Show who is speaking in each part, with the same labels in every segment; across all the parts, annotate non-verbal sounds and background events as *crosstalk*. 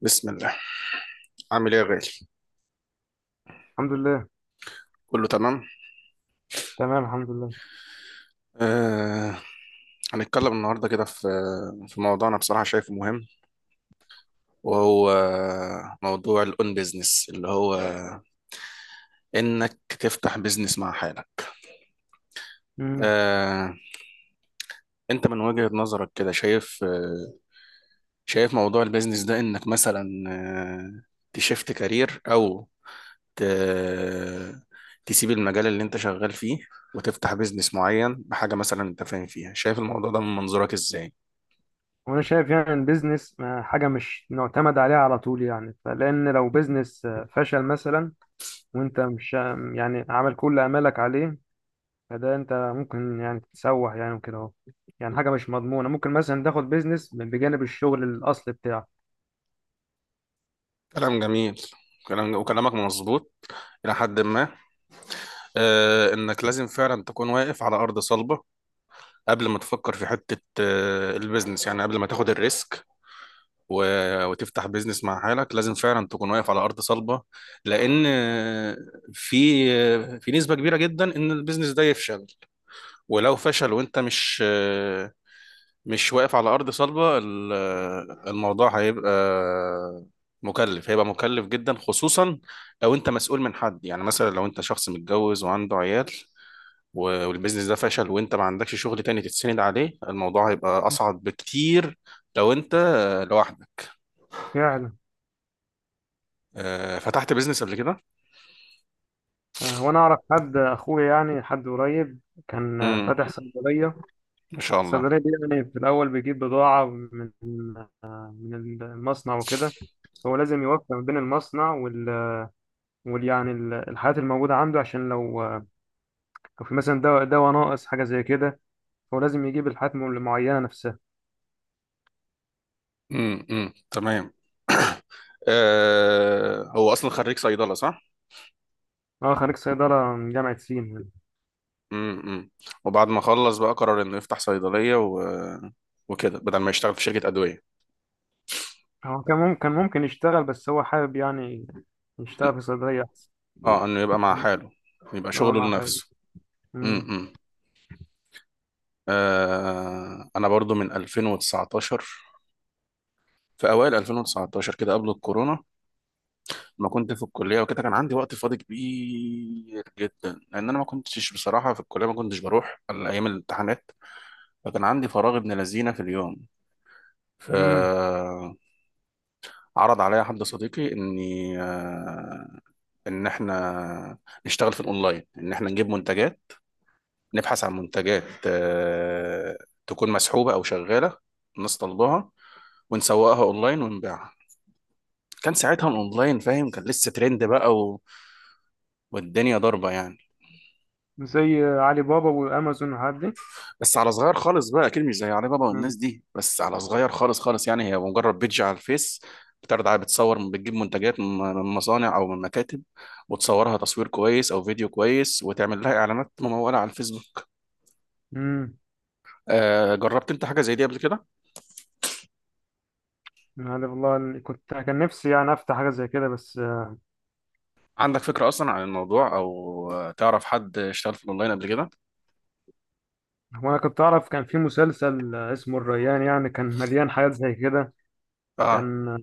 Speaker 1: بسم الله. عامل ايه يا غالي؟
Speaker 2: الحمد لله.
Speaker 1: كله تمام.
Speaker 2: تمام الحمد لله.
Speaker 1: آه. هنتكلم النهارده كده في موضوع، انا بصراحه شايفه مهم، وهو موضوع الاون بيزنس اللي هو انك تفتح بيزنس مع حالك.
Speaker 2: امم
Speaker 1: آه انت من وجهة نظرك كده شايف موضوع البيزنس ده، انك مثلا تشفت كارير او ت... تسيب المجال اللي انت شغال فيه، وتفتح بيزنس معين بحاجة مثلا انت فاهم فيها. شايف الموضوع ده من منظورك ازاي؟
Speaker 2: وانا شايف يعني ان بيزنس حاجه مش معتمد عليها على طول يعني فلان لو بيزنس فشل مثلا، وانت مش يعني عامل كل امالك عليه، فده انت ممكن يعني تتسوح يعني وكده اهو. يعني حاجه مش مضمونه، ممكن مثلا تاخد بيزنس بجانب الشغل الاصلي بتاعك.
Speaker 1: كلام جميل. كلام وكلامك مظبوط إلى حد ما. إنك لازم فعلا تكون واقف على أرض صلبة قبل ما تفكر في حتة البيزنس، يعني قبل ما تاخد الريسك. و... وتفتح بيزنس مع حالك لازم فعلا تكون واقف على أرض صلبة، لأن في نسبة كبيرة جدا إن البيزنس ده يفشل. ولو فشل وأنت مش واقف على أرض صلبة الموضوع هيبقى مكلف، هيبقى مكلف جدا، خصوصا لو انت مسؤول من حد، يعني مثلا لو انت شخص متجوز وعنده عيال والبيزنس ده فشل وانت ما عندكش شغل تاني تتسند عليه، الموضوع هيبقى أصعب بكتير لو انت لوحدك.
Speaker 2: فعلا.
Speaker 1: فتحت بيزنس قبل كده؟
Speaker 2: وانا اعرف حد اخويا يعني حد قريب كان
Speaker 1: امم.
Speaker 2: فاتح صيدليه.
Speaker 1: ما شاء الله.
Speaker 2: الصيدليه دي يعني في الاول بيجيب بضاعه من من المصنع وكده. هو لازم يوفق بين المصنع وال، وال يعني الحالات الموجودة عنده، عشان لو لو في مثلا دواء ناقص حاجة زي كده، هو لازم يجيب الحالات المعينة نفسها.
Speaker 1: امم. امم. تمام. هو أصلا خريج صيدلة، صح؟
Speaker 2: هو خريج صيدلة من جامعة سين.
Speaker 1: امم. وبعد ما خلص بقى قرر انه يفتح صيدلية. وكده بدل ما يشتغل في شركة أدوية.
Speaker 2: هو كان ممكن كان ممكن يشتغل، بس هو حابب يعني يشتغل في صيدلية أحسن.
Speaker 1: اه، انه يبقى مع حاله، يبقى
Speaker 2: اه
Speaker 1: شغله
Speaker 2: مع حاجة.
Speaker 1: لنفسه.
Speaker 2: امم.
Speaker 1: امم. آه انا برضو من 2019، في اوائل 2019 كده قبل الكورونا، ما كنت في الكليه وكده، كان عندي وقت فاضي كبير جدا، لان انا ما كنتش بصراحه في الكليه، ما كنتش بروح الا ايام الامتحانات. فكان عندي فراغ ابن لذينه في اليوم.
Speaker 2: امم.
Speaker 1: فعرض عليا حد صديقي اني آه، ان احنا نشتغل في الاونلاين، ان احنا نجيب منتجات، نبحث عن منتجات تكون مسحوبة او شغالة، الناس طالباها، ونسوقها اونلاين ونبيعها. كان ساعتها الاونلاين فاهم، كان لسه ترند بقى. والدنيا ضاربة يعني.
Speaker 2: زي علي بابا وأمازون والحاجات دي.
Speaker 1: بس على صغير خالص بقى، اكيد مش زي علي بابا
Speaker 2: امم.
Speaker 1: والناس دي، بس على صغير خالص خالص، يعني هي مجرد بيدج على الفيس، بتعرض على، بتصور، بتجيب منتجات من مصانع او من مكاتب، وتصورها تصوير كويس او فيديو كويس، وتعمل لها اعلانات ممولة على الفيسبوك.
Speaker 2: امم.
Speaker 1: جربت انت حاجة زي دي قبل كده؟
Speaker 2: يعني والله كنت كان نفسي يعني أفتح حاجة زي كده بس.
Speaker 1: عندك فكرة أصلا عن الموضوع، أو تعرف حد اشتغل في الأونلاين قبل كده؟
Speaker 2: هو انا كنت اعرف كان في مسلسل اسمه الريان، يعني كان مليان حاجات زي كده.
Speaker 1: اه.
Speaker 2: كان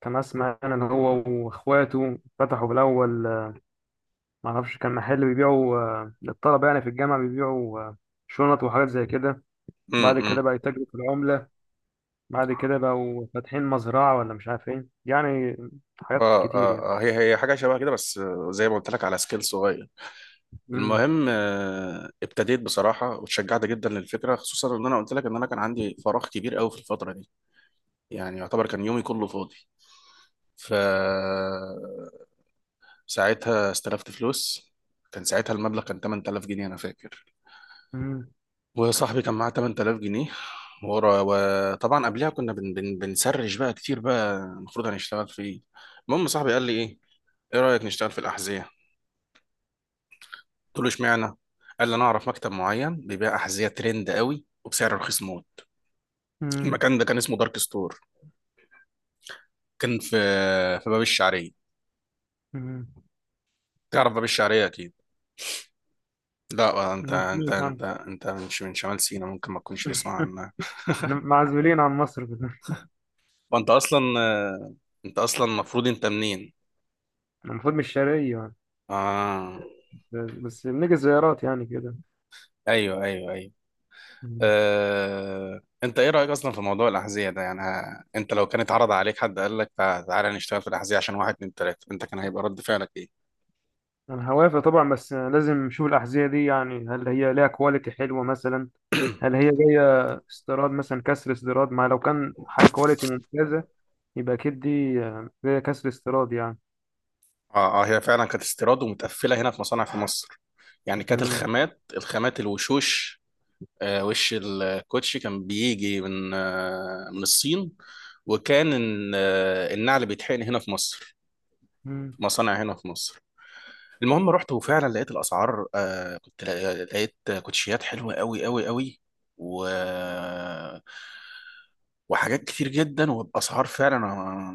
Speaker 2: كان اسمع انا ان هو واخواته فتحوا بالاول، ما اعرفش، كان محل بيبيعوا للطلبه يعني في الجامعه، بيبيعوا شنط وحاجات زي كده. بعد
Speaker 1: امم.
Speaker 2: كده بقى يتاجروا في العمله. بعد كده بقوا فاتحين مزرعه ولا مش عارف ايه يعني، حاجات كتير يعني.
Speaker 1: هي حاجة شبه كده، بس زي ما قلت لك، على سكيل صغير.
Speaker 2: امم.
Speaker 1: المهم ابتديت بصراحة واتشجعت جدا للفكرة، خصوصا ان انا قلت لك ان انا كان عندي فراغ كبير قوي في الفترة دي، يعني يعتبر كان يومي كله فاضي. ف ساعتها استلفت فلوس. كان ساعتها المبلغ كان 8000 جنيه انا فاكر،
Speaker 2: امم.
Speaker 1: وصاحبي كان معاه 8000 جنيه. ورا، وطبعا قبلها كنا بن بن بنسرش بقى كتير بقى، المفروض هنشتغل في ايه. المهم صاحبي قال لي ايه، ايه رأيك نشتغل في الأحذية؟ قلت له اشمعنى؟ قال لي انا اعرف مكتب معين بيبيع أحذية ترند قوي وبسعر رخيص موت.
Speaker 2: امم.
Speaker 1: المكان ده كان اسمه دارك ستور، كان في باب الشعرية.
Speaker 2: امم.
Speaker 1: تعرف باب الشعرية اكيد؟ لا، انت
Speaker 2: أنا
Speaker 1: انت
Speaker 2: سمعت عنه.
Speaker 1: انت انت مش من شمال سيناء، ممكن ما تكونش تسمع
Speaker 2: *laughs*
Speaker 1: عنها.
Speaker 2: احنا
Speaker 1: *laughs*
Speaker 2: معزولين عن مصر كده.
Speaker 1: وانت اصلا، انت اصلا المفروض انت منين؟
Speaker 2: أنا المفروض مش شرقية،
Speaker 1: اه.
Speaker 2: بس بنيجي زيارات يعني كده.
Speaker 1: ايوه ايوه ايوه.
Speaker 2: مم.
Speaker 1: انت ايه رأيك اصلا في موضوع الأحذية ده؟ يعني انت لو كان اتعرض عليك حد قال لك تعالى نشتغل في الأحذية عشان واحد اتنين تلاتة، انت كان هيبقى رد فعلك ايه؟
Speaker 2: انا هوافق طبعا، بس لازم نشوف الاحذيه دي يعني، هل هي ليها كواليتي حلوه مثلا؟ هل هي جايه استيراد مثلا، كسر استيراد؟ ما لو كان حاجه كواليتي ممتازه يبقى اكيد دي جايه كسر استيراد يعني.
Speaker 1: اه اه، هي فعلا كانت استيراد ومتقفلة هنا في مصانع في مصر، يعني كانت
Speaker 2: مم.
Speaker 1: الخامات، الوشوش. وش الكوتشي كان بيجي من من الصين، وكان النعل بيتحقن هنا في مصر،
Speaker 2: مم.
Speaker 1: في مصانع هنا في مصر. المهم رحت وفعلا لقيت الاسعار، آه كنت لا- لقيت كوتشيات حلوه قوي قوي قوي، و وحاجات كتير جدا وباسعار، فعلا انا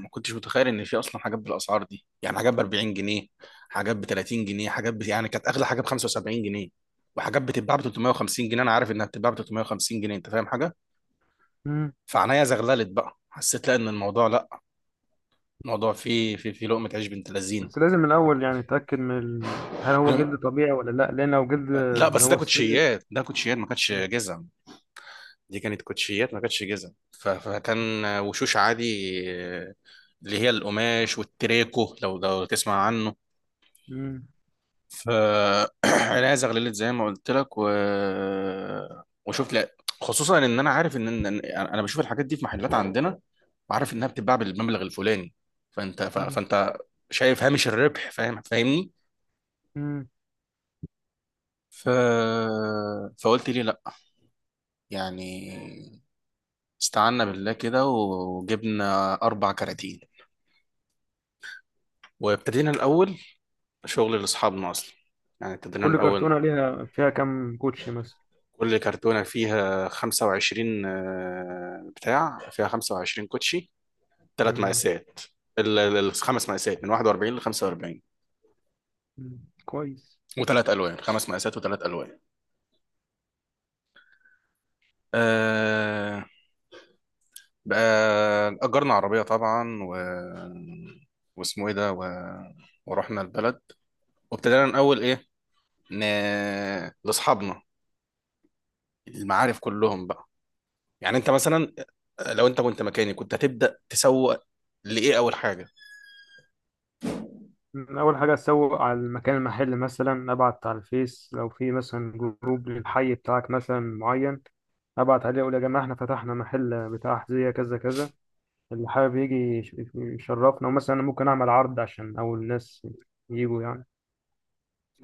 Speaker 1: ما كنتش متخيل ان في اصلا حاجات بالاسعار دي، يعني حاجات ب 40 جنيه، حاجات ب 30 جنيه، يعني كانت اغلى حاجه ب 75 جنيه، وحاجات بتتباع ب 350 جنيه، انا عارف انها بتتباع ب 350 جنيه، انت فاهم حاجه.
Speaker 2: مم.
Speaker 1: فعنايا زغللت بقى، حسيت لا ان الموضوع لا الموضوع فيه في لقمه عيش بنت لذين.
Speaker 2: بس لازم من الاول يعني نتاكد من هل هو جلد طبيعي ولا لا، لان لو جلد
Speaker 1: لا،
Speaker 2: اللي
Speaker 1: بس ده
Speaker 2: هو الصيد.
Speaker 1: كوتشيات، ده كوتشيات ما كانتش جزم دي كانت كوتشيات ما كانتش جزم، فكان وشوش عادي، اللي هي القماش والتريكو، لو تسمع عنه.
Speaker 2: مم.
Speaker 1: ف *clears throat* الازغ ليلت زي ما قلت لك. وشوف لا، خصوصا ان انا عارف ان انا بشوف الحاجات دي في محلات عندنا، وعارف انها بتتباع بالمبلغ الفلاني،
Speaker 2: مم.
Speaker 1: فانت شايف هامش الربح، فاهم، فاهمني.
Speaker 2: مم.
Speaker 1: ف... فقلت لي لا، يعني استعنا بالله كده وجبنا اربع كراتين، وابتدينا الاول شغل لاصحابنا اصلا، يعني ابتدينا
Speaker 2: كل
Speaker 1: الاول،
Speaker 2: كرتونه ليها فيها كام كوتشي مثلا؟
Speaker 1: كل كرتونه فيها 25 آه، بتاع فيها 25 كوتشي، ثلاث
Speaker 2: مم.
Speaker 1: مقاسات، الخمس مقاسات من 41 ل 45،
Speaker 2: مم. كويس.
Speaker 1: وثلاث الوان. خمس مقاسات وثلاث الوان. آه بقى اجرنا عربيه طبعا. و... واسمه ايه ده و... ورحنا البلد. وابتدينا الاول ايه، ن... لاصحابنا، المعارف كلهم بقى. يعني انت مثلا، لو انت كنت مكاني، كنت هتبدا تسوق لايه اول حاجه؟
Speaker 2: أول حاجة أسوق على المكان المحل، مثلا أبعت على الفيس لو في مثلا جروب للحي بتاعك مثلا معين، أبعت عليه أقول يا جماعة إحنا فتحنا محل بتاع أحذية كذا كذا، اللي حابب يجي يشرفنا، ومثلا أنا ممكن أعمل عرض عشان أول الناس يجوا يعني،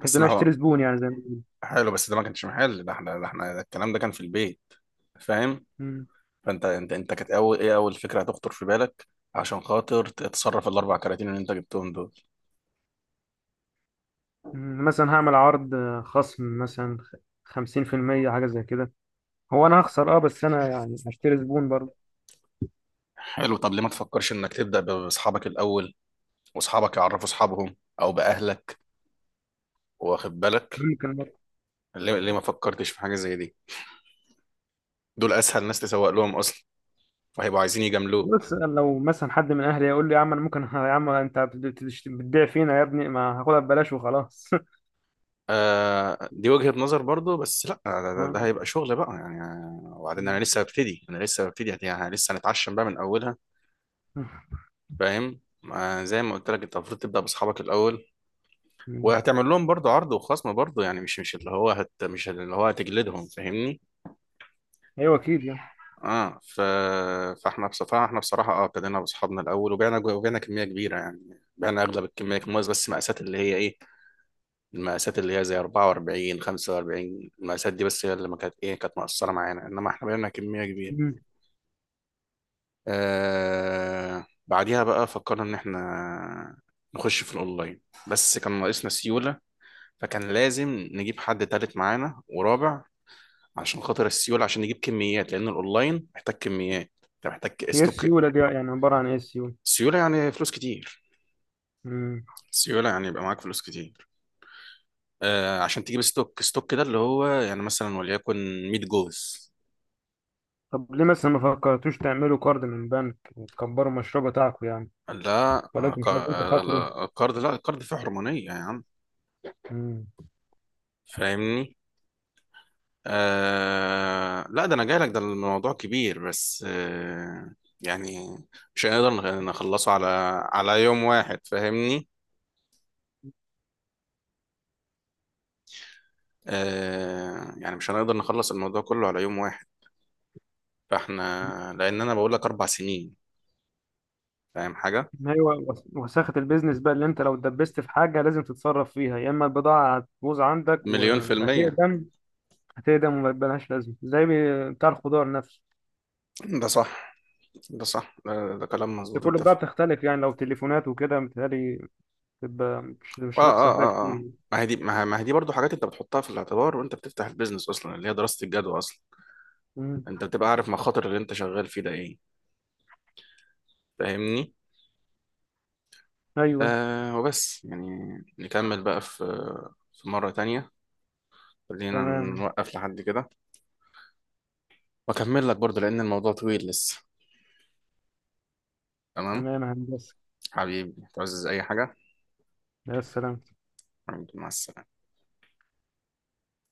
Speaker 2: بحيث إن أنا
Speaker 1: ما هو،
Speaker 2: أشتري زبون يعني زي ما بيقولوا.
Speaker 1: حلو، بس ده ما كانش محل، ده الكلام ده كان في البيت، فاهم.
Speaker 2: مم.
Speaker 1: فانت انت كانت اول ايه اول فكره هتخطر في بالك عشان خاطر تتصرف الاربع كراتين اللي انت جبتهم دول.
Speaker 2: مم. مثلا هعمل عرض خصم مثلا، خمسين في المية حاجة زي كده. هو أنا هخسر، أه، بس أنا يعني هشتري زبون برضه.
Speaker 1: حلو، طب ليه ما تفكرش انك تبدا باصحابك الاول، واصحابك يعرفوا اصحابهم، او باهلك، واخد بالك.
Speaker 2: ممكن.
Speaker 1: ليه ما فكرتش في حاجه زي دي، دول اسهل ناس تسوق لهم اصلا، وهيبقوا عايزين
Speaker 2: بص
Speaker 1: يجاملوك.
Speaker 2: لو مثلا حد من اهلي يقول لي يا عم انا ممكن، *laughs* يا عم انت بتبيع فينا يا ابني، ما هاخدها ببلاش وخلاص. *laughs*
Speaker 1: آه، دي وجهة نظر برضو، بس لا، ده
Speaker 2: ما-
Speaker 1: هيبقى شغل بقى يعني. وبعدين انا لسه ببتدي، يعني أنا لسه هنتعشم بقى من اولها، فاهم. آه، زي ما قلت لك، انت المفروض تبدا باصحابك الاول،
Speaker 2: مم.
Speaker 1: وهتعمل لهم برضو عرض وخصم برضو، يعني مش اللي هو هتجلدهم، فاهمني.
Speaker 2: ايوه اكيد يعني.
Speaker 1: اه. ف... فاحنا بصراحه احنا بصراحه اه ابتدينا باصحابنا الاول، وبعنا كميه كبيره، يعني بعنا اغلب الكميه الموز، بس مقاسات اللي هي ايه، المقاسات اللي هي زي 44 45، المقاسات دي بس هي اللي ما كانت ايه، كانت مقصره معانا، انما احنا بقينا كميه كبيره.
Speaker 2: مم.
Speaker 1: آه، بعديها بقى فكرنا ان احنا نخش في الاونلاين، بس كان ناقصنا سيوله، فكان لازم نجيب حد تالت معانا ورابع عشان خاطر السيوله، عشان نجيب كميات، لان الاونلاين محتاج كميات، انت محتاج
Speaker 2: هي
Speaker 1: استوك.
Speaker 2: السيوله دي يعني عباره عن ايه السيوله؟
Speaker 1: سيوله يعني فلوس كتير،
Speaker 2: مم.
Speaker 1: سيوله يعني يبقى معاك فلوس كتير. عشان تجيب ستوك، ستوك ده اللي هو يعني مثلا وليكن 100 جوز.
Speaker 2: طب ليه مثلا ما فكرتوش تعملوا كارد من بنك وتكبروا المشروع بتاعكم يعني؟
Speaker 1: لا،
Speaker 2: ولكن مش لازم تخاطروا.
Speaker 1: لا، الكارد فيه حرمانية يا عم،
Speaker 2: مم.
Speaker 1: فاهمني. لا، ده انا جاي لك، ده الموضوع كبير، بس يعني مش هنقدر نخلصه على يوم واحد، فاهمني. يعني مش هنقدر نخلص الموضوع كله على يوم واحد، فاحنا، لان انا بقول لك 4 سنين، فاهم حاجة.
Speaker 2: ايوه، وساخه البيزنس بقى، اللي انت لو اتدبست في حاجه لازم تتصرف فيها، يا اما البضاعه هتبوظ عندك
Speaker 1: مليون في المية.
Speaker 2: وهتقدم، هتقدم ومبقالهاش لازمه، زي بتاع الخضار نفسه.
Speaker 1: ده صح، ده صح، ده كلام
Speaker 2: بس
Speaker 1: مظبوط
Speaker 2: كل
Speaker 1: انت.
Speaker 2: بقى بتختلف يعني، لو تليفونات وكده متهيألي تبقى مش
Speaker 1: اه
Speaker 2: مش هتخسر
Speaker 1: اه
Speaker 2: فيها
Speaker 1: اه
Speaker 2: كتير
Speaker 1: اه
Speaker 2: يعني.
Speaker 1: ما هي دي، ما هي دي برضه حاجات انت بتحطها في الاعتبار وانت بتفتح البيزنس اصلا، اللي هي دراسة الجدوى اصلا،
Speaker 2: مم.
Speaker 1: انت بتبقى عارف مخاطر اللي انت شغال فيه ده ايه، فاهمني.
Speaker 2: أيوه.
Speaker 1: وبس يعني، نكمل بقى في مرة تانية، خلينا
Speaker 2: تمام.
Speaker 1: نوقف لحد كده. واكمل لك برضه لان الموضوع طويل لسه. تمام.
Speaker 2: تمام يا هندسة.
Speaker 1: حبيبي تعزز اي حاجة.
Speaker 2: يا سلام.
Speaker 1: حبيبي، مع السلامة.